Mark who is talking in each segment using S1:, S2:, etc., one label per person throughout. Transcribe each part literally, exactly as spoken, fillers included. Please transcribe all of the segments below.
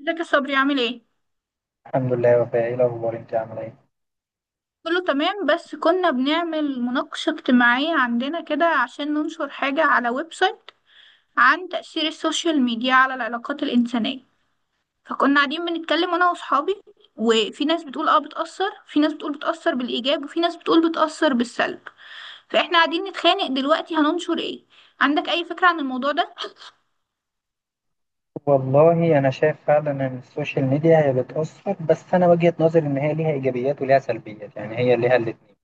S1: ازيك يا صبري عامل ايه؟
S2: الحمد لله يا وفاء، ايه الاخبار؟ انت عامله ايه؟
S1: كله تمام، بس كنا بنعمل مناقشة اجتماعية عندنا كده عشان ننشر حاجة على ويب سايت عن تأثير السوشيال ميديا على العلاقات الإنسانية. فكنا قاعدين بنتكلم أنا وأصحابي، وفي ناس بتقول اه بتأثر، في ناس بتقول بتأثر بالإيجاب، وفي ناس بتقول بتأثر بالسلب. فإحنا قاعدين نتخانق دلوقتي هننشر ايه؟ عندك أي فكرة عن الموضوع ده؟
S2: والله انا شايف فعلا ان السوشيال ميديا هي بتاثر، بس انا وجهه نظري ان هي ليها ايجابيات وليها سلبيات، يعني هي ليها الاثنين.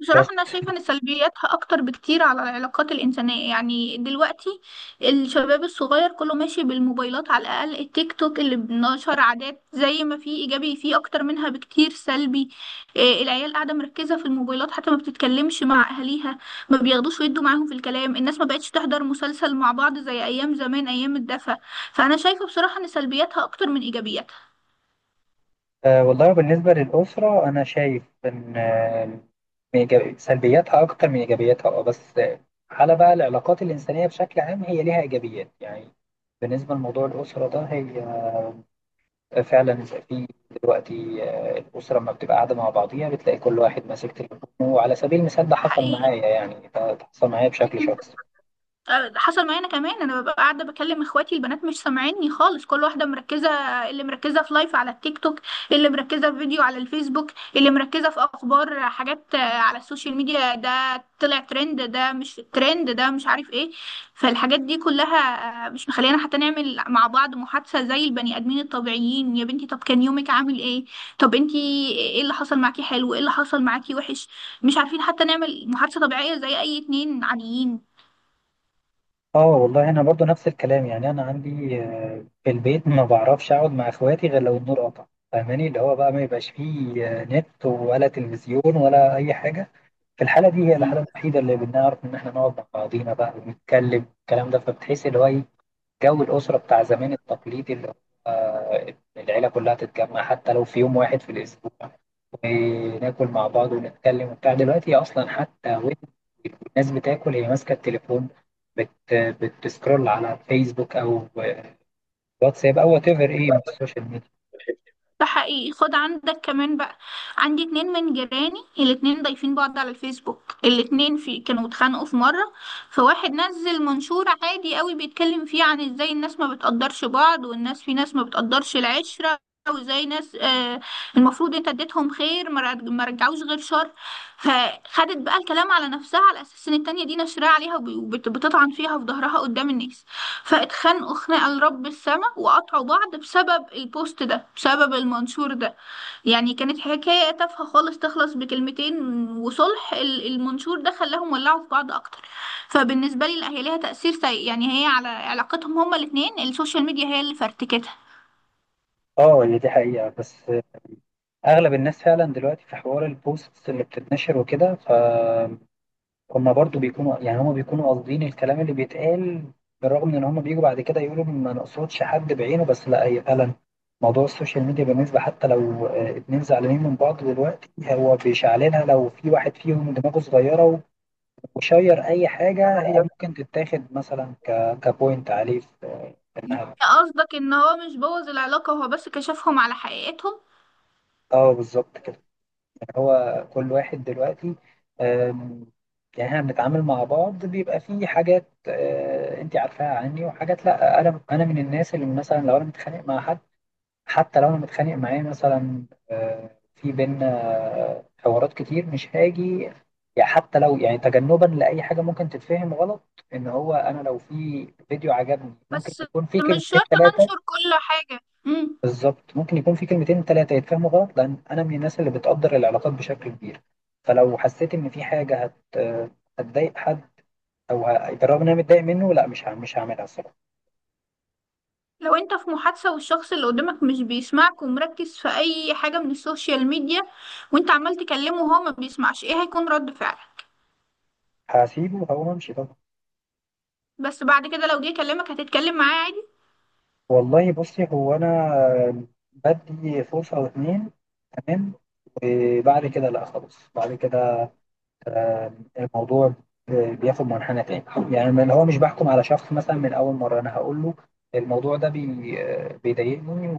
S1: بصراحة
S2: بس
S1: أنا شايفة إن سلبياتها أكتر بكتير على العلاقات الإنسانية. يعني دلوقتي الشباب الصغير كله ماشي بالموبايلات، على الأقل التيك توك اللي بنشر عادات، زي ما في إيجابي فيه أكتر منها بكتير سلبي. إيه، العيال قاعدة مركزة في الموبايلات، حتى ما بتتكلمش مع أهاليها، ما بياخدوش ويدوا معاهم في الكلام. الناس ما بقتش تحضر مسلسل مع بعض زي أيام زمان، أيام الدفا. فأنا شايفة بصراحة إن سلبياتها أكتر من إيجابياتها.
S2: آه، والله بالنسبه للاسره انا شايف ان آه، من إيجابي- سلبياتها اكتر من ايجابياتها. اه بس آه، على بقى العلاقات الانسانيه بشكل عام هي ليها ايجابيات، يعني بالنسبه لموضوع الاسره ده هي فعلا في دلوقتي. آه، الأسرة لما بتبقى قاعدة مع بعضيها بتلاقي كل واحد ماسك تليفونه، وعلى سبيل المثال
S1: ده
S2: ده حصل
S1: حقيقي.
S2: معايا، يعني ده حصل معايا بشكل شخصي.
S1: أه، حصل معايا انا كمان. انا ببقى قاعده بكلم اخواتي البنات، مش سامعيني خالص، كل واحده مركزه. اللي مركزه في لايف على التيك توك، اللي مركزه في فيديو على الفيسبوك، اللي مركزه في اخبار حاجات آه، على السوشيال ميديا، ده طلع ترند، ده مش ترند، ده مش عارف ايه. فالحاجات دي كلها آه، مش مخلينا حتى نعمل مع بعض محادثه زي البني ادمين الطبيعيين. يا بنتي، طب كان يومك عامل ايه؟ طب انتي ايه اللي حصل معاكي حلو؟ ايه اللي حصل معاكي وحش؟ مش عارفين حتى نعمل محادثه طبيعيه زي اي اتنين عاديين.
S2: اه والله انا برضو نفس الكلام، يعني انا عندي آه، في البيت ما بعرفش اقعد مع اخواتي غير لو النور قطع، فاهماني؟ اللي هو بقى ما يبقاش فيه آه، نت ولا تلفزيون ولا اي حاجه. في الحاله دي، هي الحاله الوحيده اللي بنعرف ان احنا نقعد مع بعضينا بقى ونتكلم الكلام ده، فبتحس اللي هو ايه، جو الأسرة بتاع زمان التقليدي، اللي هو آه، العيلة كلها تتجمع حتى لو في يوم واحد في الأسبوع، وناكل مع بعض ونتكلم وبتاع. دلوقتي أصلا حتى وين الناس بتاكل هي ماسكة التليفون، بت بتسكرول على الفيسبوك أو واتساب أو وات ايفر إيه من السوشيال ميديا.
S1: ده حقيقي. خد عندك كمان بقى، عندي اتنين من جيراني، الاتنين ضايفين بعض على الفيسبوك. الاتنين في كانوا اتخانقوا في مرة، فواحد نزل منشور عادي قوي بيتكلم فيه عن ازاي الناس ما بتقدرش بعض، والناس في ناس ما بتقدرش العشرة، وازاي ناس آه المفروض انت اديتهم خير ما رج- ما رجعوش غير شر. فخدت بقى الكلام على نفسها، على اساس ان التانية دي نشرها عليها وبتطعن فيها في ظهرها قدام الناس. فاتخانقوا خناقة لرب السماء، وقطعوا بعض بسبب البوست ده، بسبب المنشور ده. يعني كانت حكاية تافهة خالص تخلص بكلمتين، وصلح ال- المنشور ده خلاهم ولعوا في بعض أكتر. فبالنسبة لي لا، هي ليها تأثير سيء. يعني هي على علاقتهم هما الاتنين، السوشيال ميديا هي اللي فرتكتها.
S2: اه هي دي حقيقة. بس أغلب الناس فعلا دلوقتي في حوار البوستس اللي بتتنشر وكده، ف هما برضو بيكونوا، يعني هما بيكونوا قاصدين الكلام اللي بيتقال، بالرغم من ان هما بيجوا بعد كده يقولوا ما نقصدش حد بعينه. بس لا، هي فعلا موضوع السوشيال ميديا بالنسبة، حتى لو آه، اتنين زعلانين من بعض دلوقتي، هو بيشعلنها. لو في واحد فيهم دماغه صغيرة وشير أي حاجة، هي ممكن تتاخد مثلا ك... كبوينت عليه في
S1: يعني
S2: إنها.
S1: قصدك إن هو مش بوظ العلاقة، هو بس كشفهم على حقيقتهم.
S2: اه بالظبط كده. هو كل واحد دلوقتي، آم، يعني احنا بنتعامل مع بعض بيبقى في حاجات، آه، انت عارفاها عني، وحاجات لا. انا انا من الناس اللي مثلا لو انا متخانق مع حد، حتى لو انا متخانق معاه مثلا، آه، في بينا آه، حوارات كتير مش هاجي، يعني حتى لو، يعني تجنبا لاي حاجه ممكن تتفهم غلط. ان هو انا لو في فيديو عجبني ممكن
S1: بس
S2: يكون في
S1: مش
S2: كلمتين
S1: شرط
S2: ثلاثه.
S1: ننشر كل حاجة. مم.
S2: بالظبط، ممكن يكون في كلمتين تلاتة يتفهموا غلط، لأن أنا من الناس اللي بتقدر العلاقات بشكل كبير. فلو حسيت إن في حاجة هت هتضايق حد، أو ه... بالرغم إن أنا متضايق منه، لا، مش ه... مش هعملها الصراحة.
S1: لو انت في محادثة والشخص اللي قدامك مش بيسمعك ومركز في اي حاجة من السوشيال ميديا، وانت عمال تكلمه وهو ما بيسمعش، ايه هيكون رد فعلك؟
S2: هسيبه وهقوم أمشي طبعا.
S1: بس بعد كده لو جه يكلمك هتتكلم معاه عادي؟
S2: والله بصي، هو أنا بدي فرصة أو اتنين، تمام، وبعد كده لا خلاص. بعد كده آه، الموضوع بياخد منحنى تاني، يعني من هو مش بحكم على شخص مثلا من أول مرة. أنا هقول له الموضوع ده بي... آه، بيضايقني،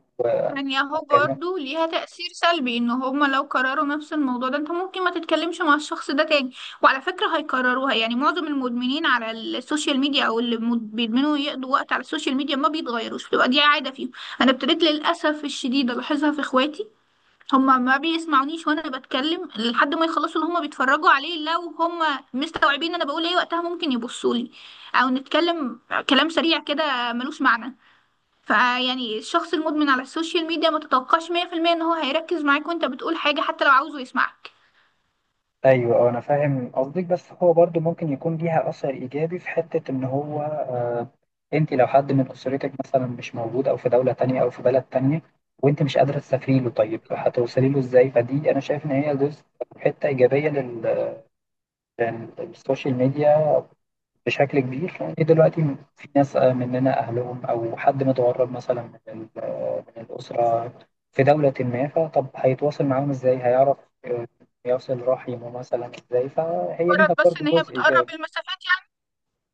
S1: يعني اهو
S2: وهكلمك.
S1: برضه ليها تأثير سلبي، ان هما لو كرروا نفس الموضوع ده انت ممكن ما تتكلمش مع الشخص ده تاني. وعلى فكرة هيكرروها، يعني معظم المدمنين على السوشيال ميديا او اللي مد- بيدمنوا يقضوا وقت على السوشيال ميديا ما بيتغيروش، بتبقى دي عادة فيهم. انا ابتديت للأسف الشديد الاحظها في اخواتي. هما ما بيسمعونيش وانا بتكلم لحد ما يخلصوا اللي هما بيتفرجوا عليه. لو هما مستوعبين انا بقول ايه، وقتها ممكن يبصوا لي او نتكلم كلام سريع كده ملوش معنى. فيعني الشخص المدمن على السوشيال ميديا ما تتوقعش مية بالمية ان هو هيركز معاك وانت بتقول حاجة، حتى لو عاوزه يسمعك.
S2: ايوه، أه، انا فاهم قصدك. بس هو برضو ممكن يكون ليها اثر ايجابي في حته، ان هو آه، انت لو حد من اسرتك مثلا مش موجود او في دوله تانية او في بلد تانية، وانت مش قادره تسافري له، طيب هتوصلي له ازاي؟ فدي انا شايف ان هي جزء، حته ايجابيه لل- للسوشيال ميديا بشكل كبير. لأن دلوقتي في ناس آه، مننا أهلهم أو حد متغرب مثلا من ال- آه، من الأسرة في دولة ما، فطب هيتواصل معاهم إزاي؟ هيعرف آه، يصل رحمه مثلا إزاي؟ فهي
S1: مجرد
S2: ليها
S1: بس
S2: برضو
S1: ان هي
S2: جزء
S1: بتقرب
S2: إيجابي.
S1: المسافات.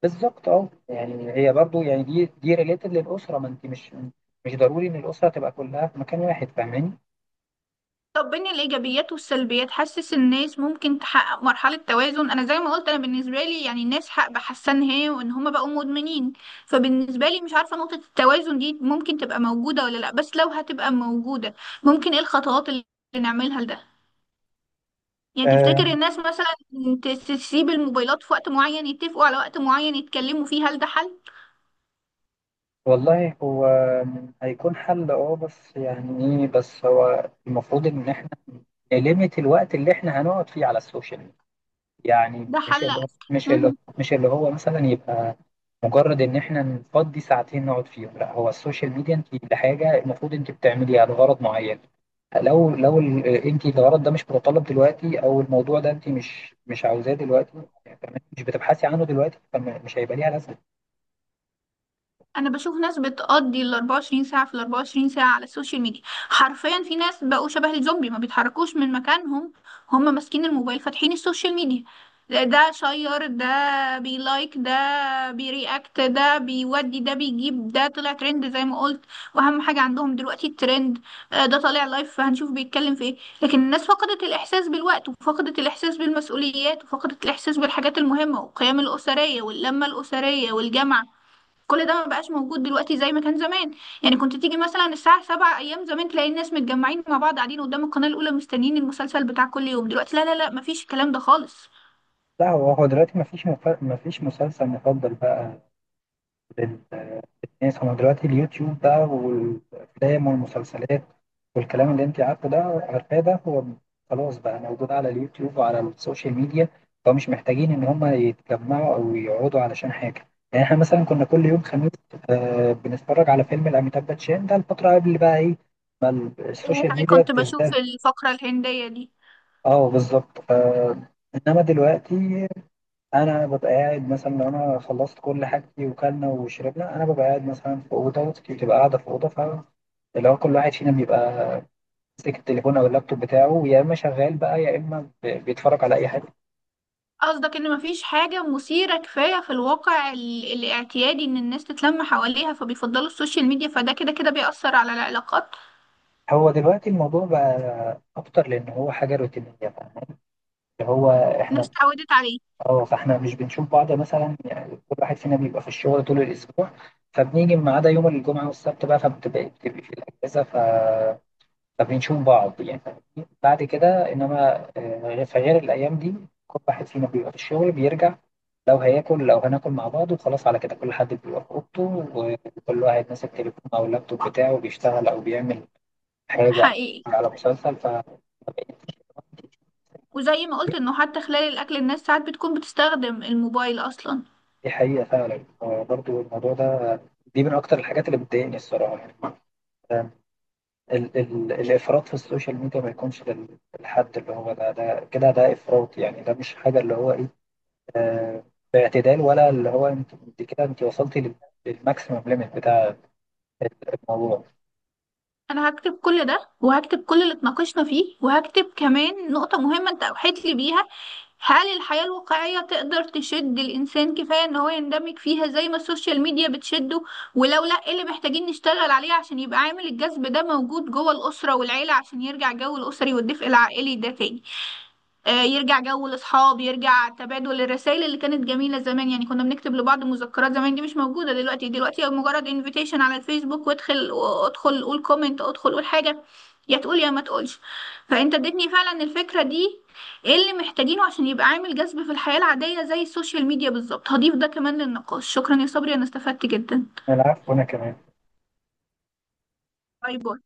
S2: بالظبط، أه، يعني هي برضو، يعني دي دي ريليتد للأسرة، ما أنت مش مش ضروري إن الأسرة تبقى كلها في مكان واحد، فاهماني؟
S1: طب بين الإيجابيات والسلبيات، حاسس الناس ممكن تحقق مرحلة توازن؟ أنا زي ما قلت، أنا بالنسبة لي، يعني الناس حق بحسها إن هي وإن هما بقوا مدمنين. فبالنسبة لي مش عارفة نقطة التوازن دي ممكن تبقى موجودة ولا لأ. بس لو هتبقى موجودة، ممكن إيه الخطوات اللي نعملها لده؟ يعني تفتكر الناس مثلا تس- تسيب الموبايلات في وقت معين، يتفقوا على وقت معين يتكلموا فيه، هل ده حل؟
S2: والله هو هيكون حل، اه، بس يعني ايه، بس هو المفروض ان احنا نليمت الوقت اللي احنا هنقعد فيه على السوشيال ميديا. يعني
S1: ده
S2: مش
S1: حل
S2: اللي هو، مش اللي هو
S1: أذكى.
S2: مش اللي هو مثلا يبقى مجرد ان احنا نفضي ساعتين نقعد فيهم، لا. هو السوشيال ميديا انت لحاجه المفروض انت بتعمليها لغرض معين. لو لو ال- آه، انت الغرض ده مش متطلب دلوقتي، او الموضوع ده انت مش مش عاوزاه دلوقتي، يعني مش بتبحثي عنه دلوقتي، فمش هيبقى ليها لازمه.
S1: انا بشوف ناس بتقضي ال أربعة وعشرين ساعه في ال أربعة وعشرين ساعه على السوشيال ميديا. حرفيا في ناس بقوا شبه الزومبي ما بيتحركوش من مكانهم. هم ماسكين الموبايل فاتحين السوشيال ميديا. ده ده شير، ده بيلايك، ده بيرياكت، ده بيودي، ده بيجيب، ده طلع ترند، زي ما قلت. واهم حاجه عندهم دلوقتي الترند. آه، ده طالع لايف، فهنشوف بيتكلم في ايه. لكن الناس فقدت الاحساس بالوقت، وفقدت الاحساس بالمسؤوليات، وفقدت الاحساس بالحاجات المهمه والقيم الاسريه واللمه الاسريه والجامعه. كل ده ما بقاش موجود دلوقتي زي ما كان زمان. يعني كنت تيجي مثلا الساعة سبعة أيام زمان، تلاقي الناس متجمعين مع بعض قاعدين قدام القناة الأولى مستنيين المسلسل بتاع كل يوم. دلوقتي لا لا لا، مفيش الكلام ده خالص.
S2: لا، هو هو دلوقتي مفيش مف... مفيش مسلسل مفضل بقى للناس. هو دلوقتي اليوتيوب بقى والأفلام والمسلسلات والكلام اللي أنت عارفه ده عارفاه ده. هو خلاص بقى موجود على اليوتيوب وعلى السوشيال ميديا، فمش محتاجين إن هما يتجمعوا أو يقعدوا علشان حاجة. يعني إحنا مثلا كنا كل يوم خميس آه بنتفرج على فيلم لأميتاب باتشان، ده الفترة قبل بقى إيه
S1: يعني
S2: السوشيال
S1: أنا
S2: ميديا
S1: كنت بشوف
S2: بتزداد.
S1: الفقرة الهندية دي.
S2: أه بالظبط. آه، إنما دلوقتي انا ببقى قاعد مثلا، لو انا خلصت كل حاجتي وكلنا وشربنا، انا ببقى قاعد مثلا في اوضه وأختي بتبقى قاعده في اوضه، فاللي هو كل واحد فينا بيبقى ماسك التليفون او اللابتوب بتاعه، يا اما شغال بقى يا اما ب- بيتفرج على اي حاجه.
S1: قصدك إن مفيش حاجة مثيرة كفاية في الواقع ال- الاعتيادي إن الناس تتلم حواليها، فبيفضلوا السوشيال ميديا، فده كده كده بيأثر على العلاقات.
S2: هو دلوقتي الموضوع بقى اكتر لان هو حاجه روتينيه بقى. اللي هو
S1: الناس
S2: احنا،
S1: اتعودت عليه.
S2: اه، فاحنا مش بنشوف بعض مثلا، يعني كل واحد فينا بيبقى في الشغل طول الاسبوع، فبنيجي ما عدا يوم الجمعه والسبت بقى، فبتبقى بتبقى في الاجازه فبنشوف بعض يعني بعد كده. إنما آه، في غير الأيام دي كل واحد فينا بيبقى في الشغل، بيرجع لو هياكل، لو هناكل مع بعض وخلاص، على كده كل حد بيبقى في أوضته وكل واحد ماسك تليفون أو اللابتوب بتاعه بيشتغل أو بيعمل
S1: ده
S2: حاجة أو
S1: حقيقي.
S2: بيتفرج على مسلسل، فدي
S1: وزي ما قلت إنه حتى خلال الأكل الناس ساعات بتكون بتستخدم الموبايل أصلا.
S2: حقيقة فعلا. برضو الموضوع ده، دي من أكتر الحاجات اللي بتضايقني الصراحة، يعني ال ال الإفراط في السوشيال ميديا، ما يكونش لل- للحد اللي هو ده، ده كده ده إفراط، يعني ده مش حاجة اللي هو إيه، آه، باعتدال، ولا اللي هو انت انت كده انت وصلتي لل- للماكسيمم ليميت بتاع الموضوع.
S1: انا هكتب كل ده، وهكتب كل اللي اتناقشنا فيه، وهكتب كمان نقطة مهمة انت اوحيت لي بيها. هل الحياة الواقعية تقدر تشد الانسان كفاية ان هو يندمج فيها زي ما السوشيال ميديا بتشده؟ ولو لا، ايه اللي محتاجين نشتغل عليه عشان يبقى عامل الجذب ده موجود جوه الاسرة والعيلة، عشان يرجع جو الاسري والدفء العائلي ده تاني. آه، يرجع جو الاصحاب، يرجع تبادل الرسائل اللي كانت جميله زمان. يعني كنا بنكتب لبعض مذكرات زمان، دي مش موجوده دلوقتي. دلوقتي مجرد انفيتيشن على الفيسبوك وادخل، ادخل قول كومنت، ادخل قول حاجه، يا تقول يا ما تقولش. فانت اديتني فعلا الفكره دي، ايه اللي محتاجينه عشان يبقى عامل جذب في الحياه العاديه زي السوشيال ميديا بالظبط. هضيف ده كمان للنقاش. شكرا يا صبري، انا استفدت جدا.
S2: العفو، وانا كمان.
S1: باي باي.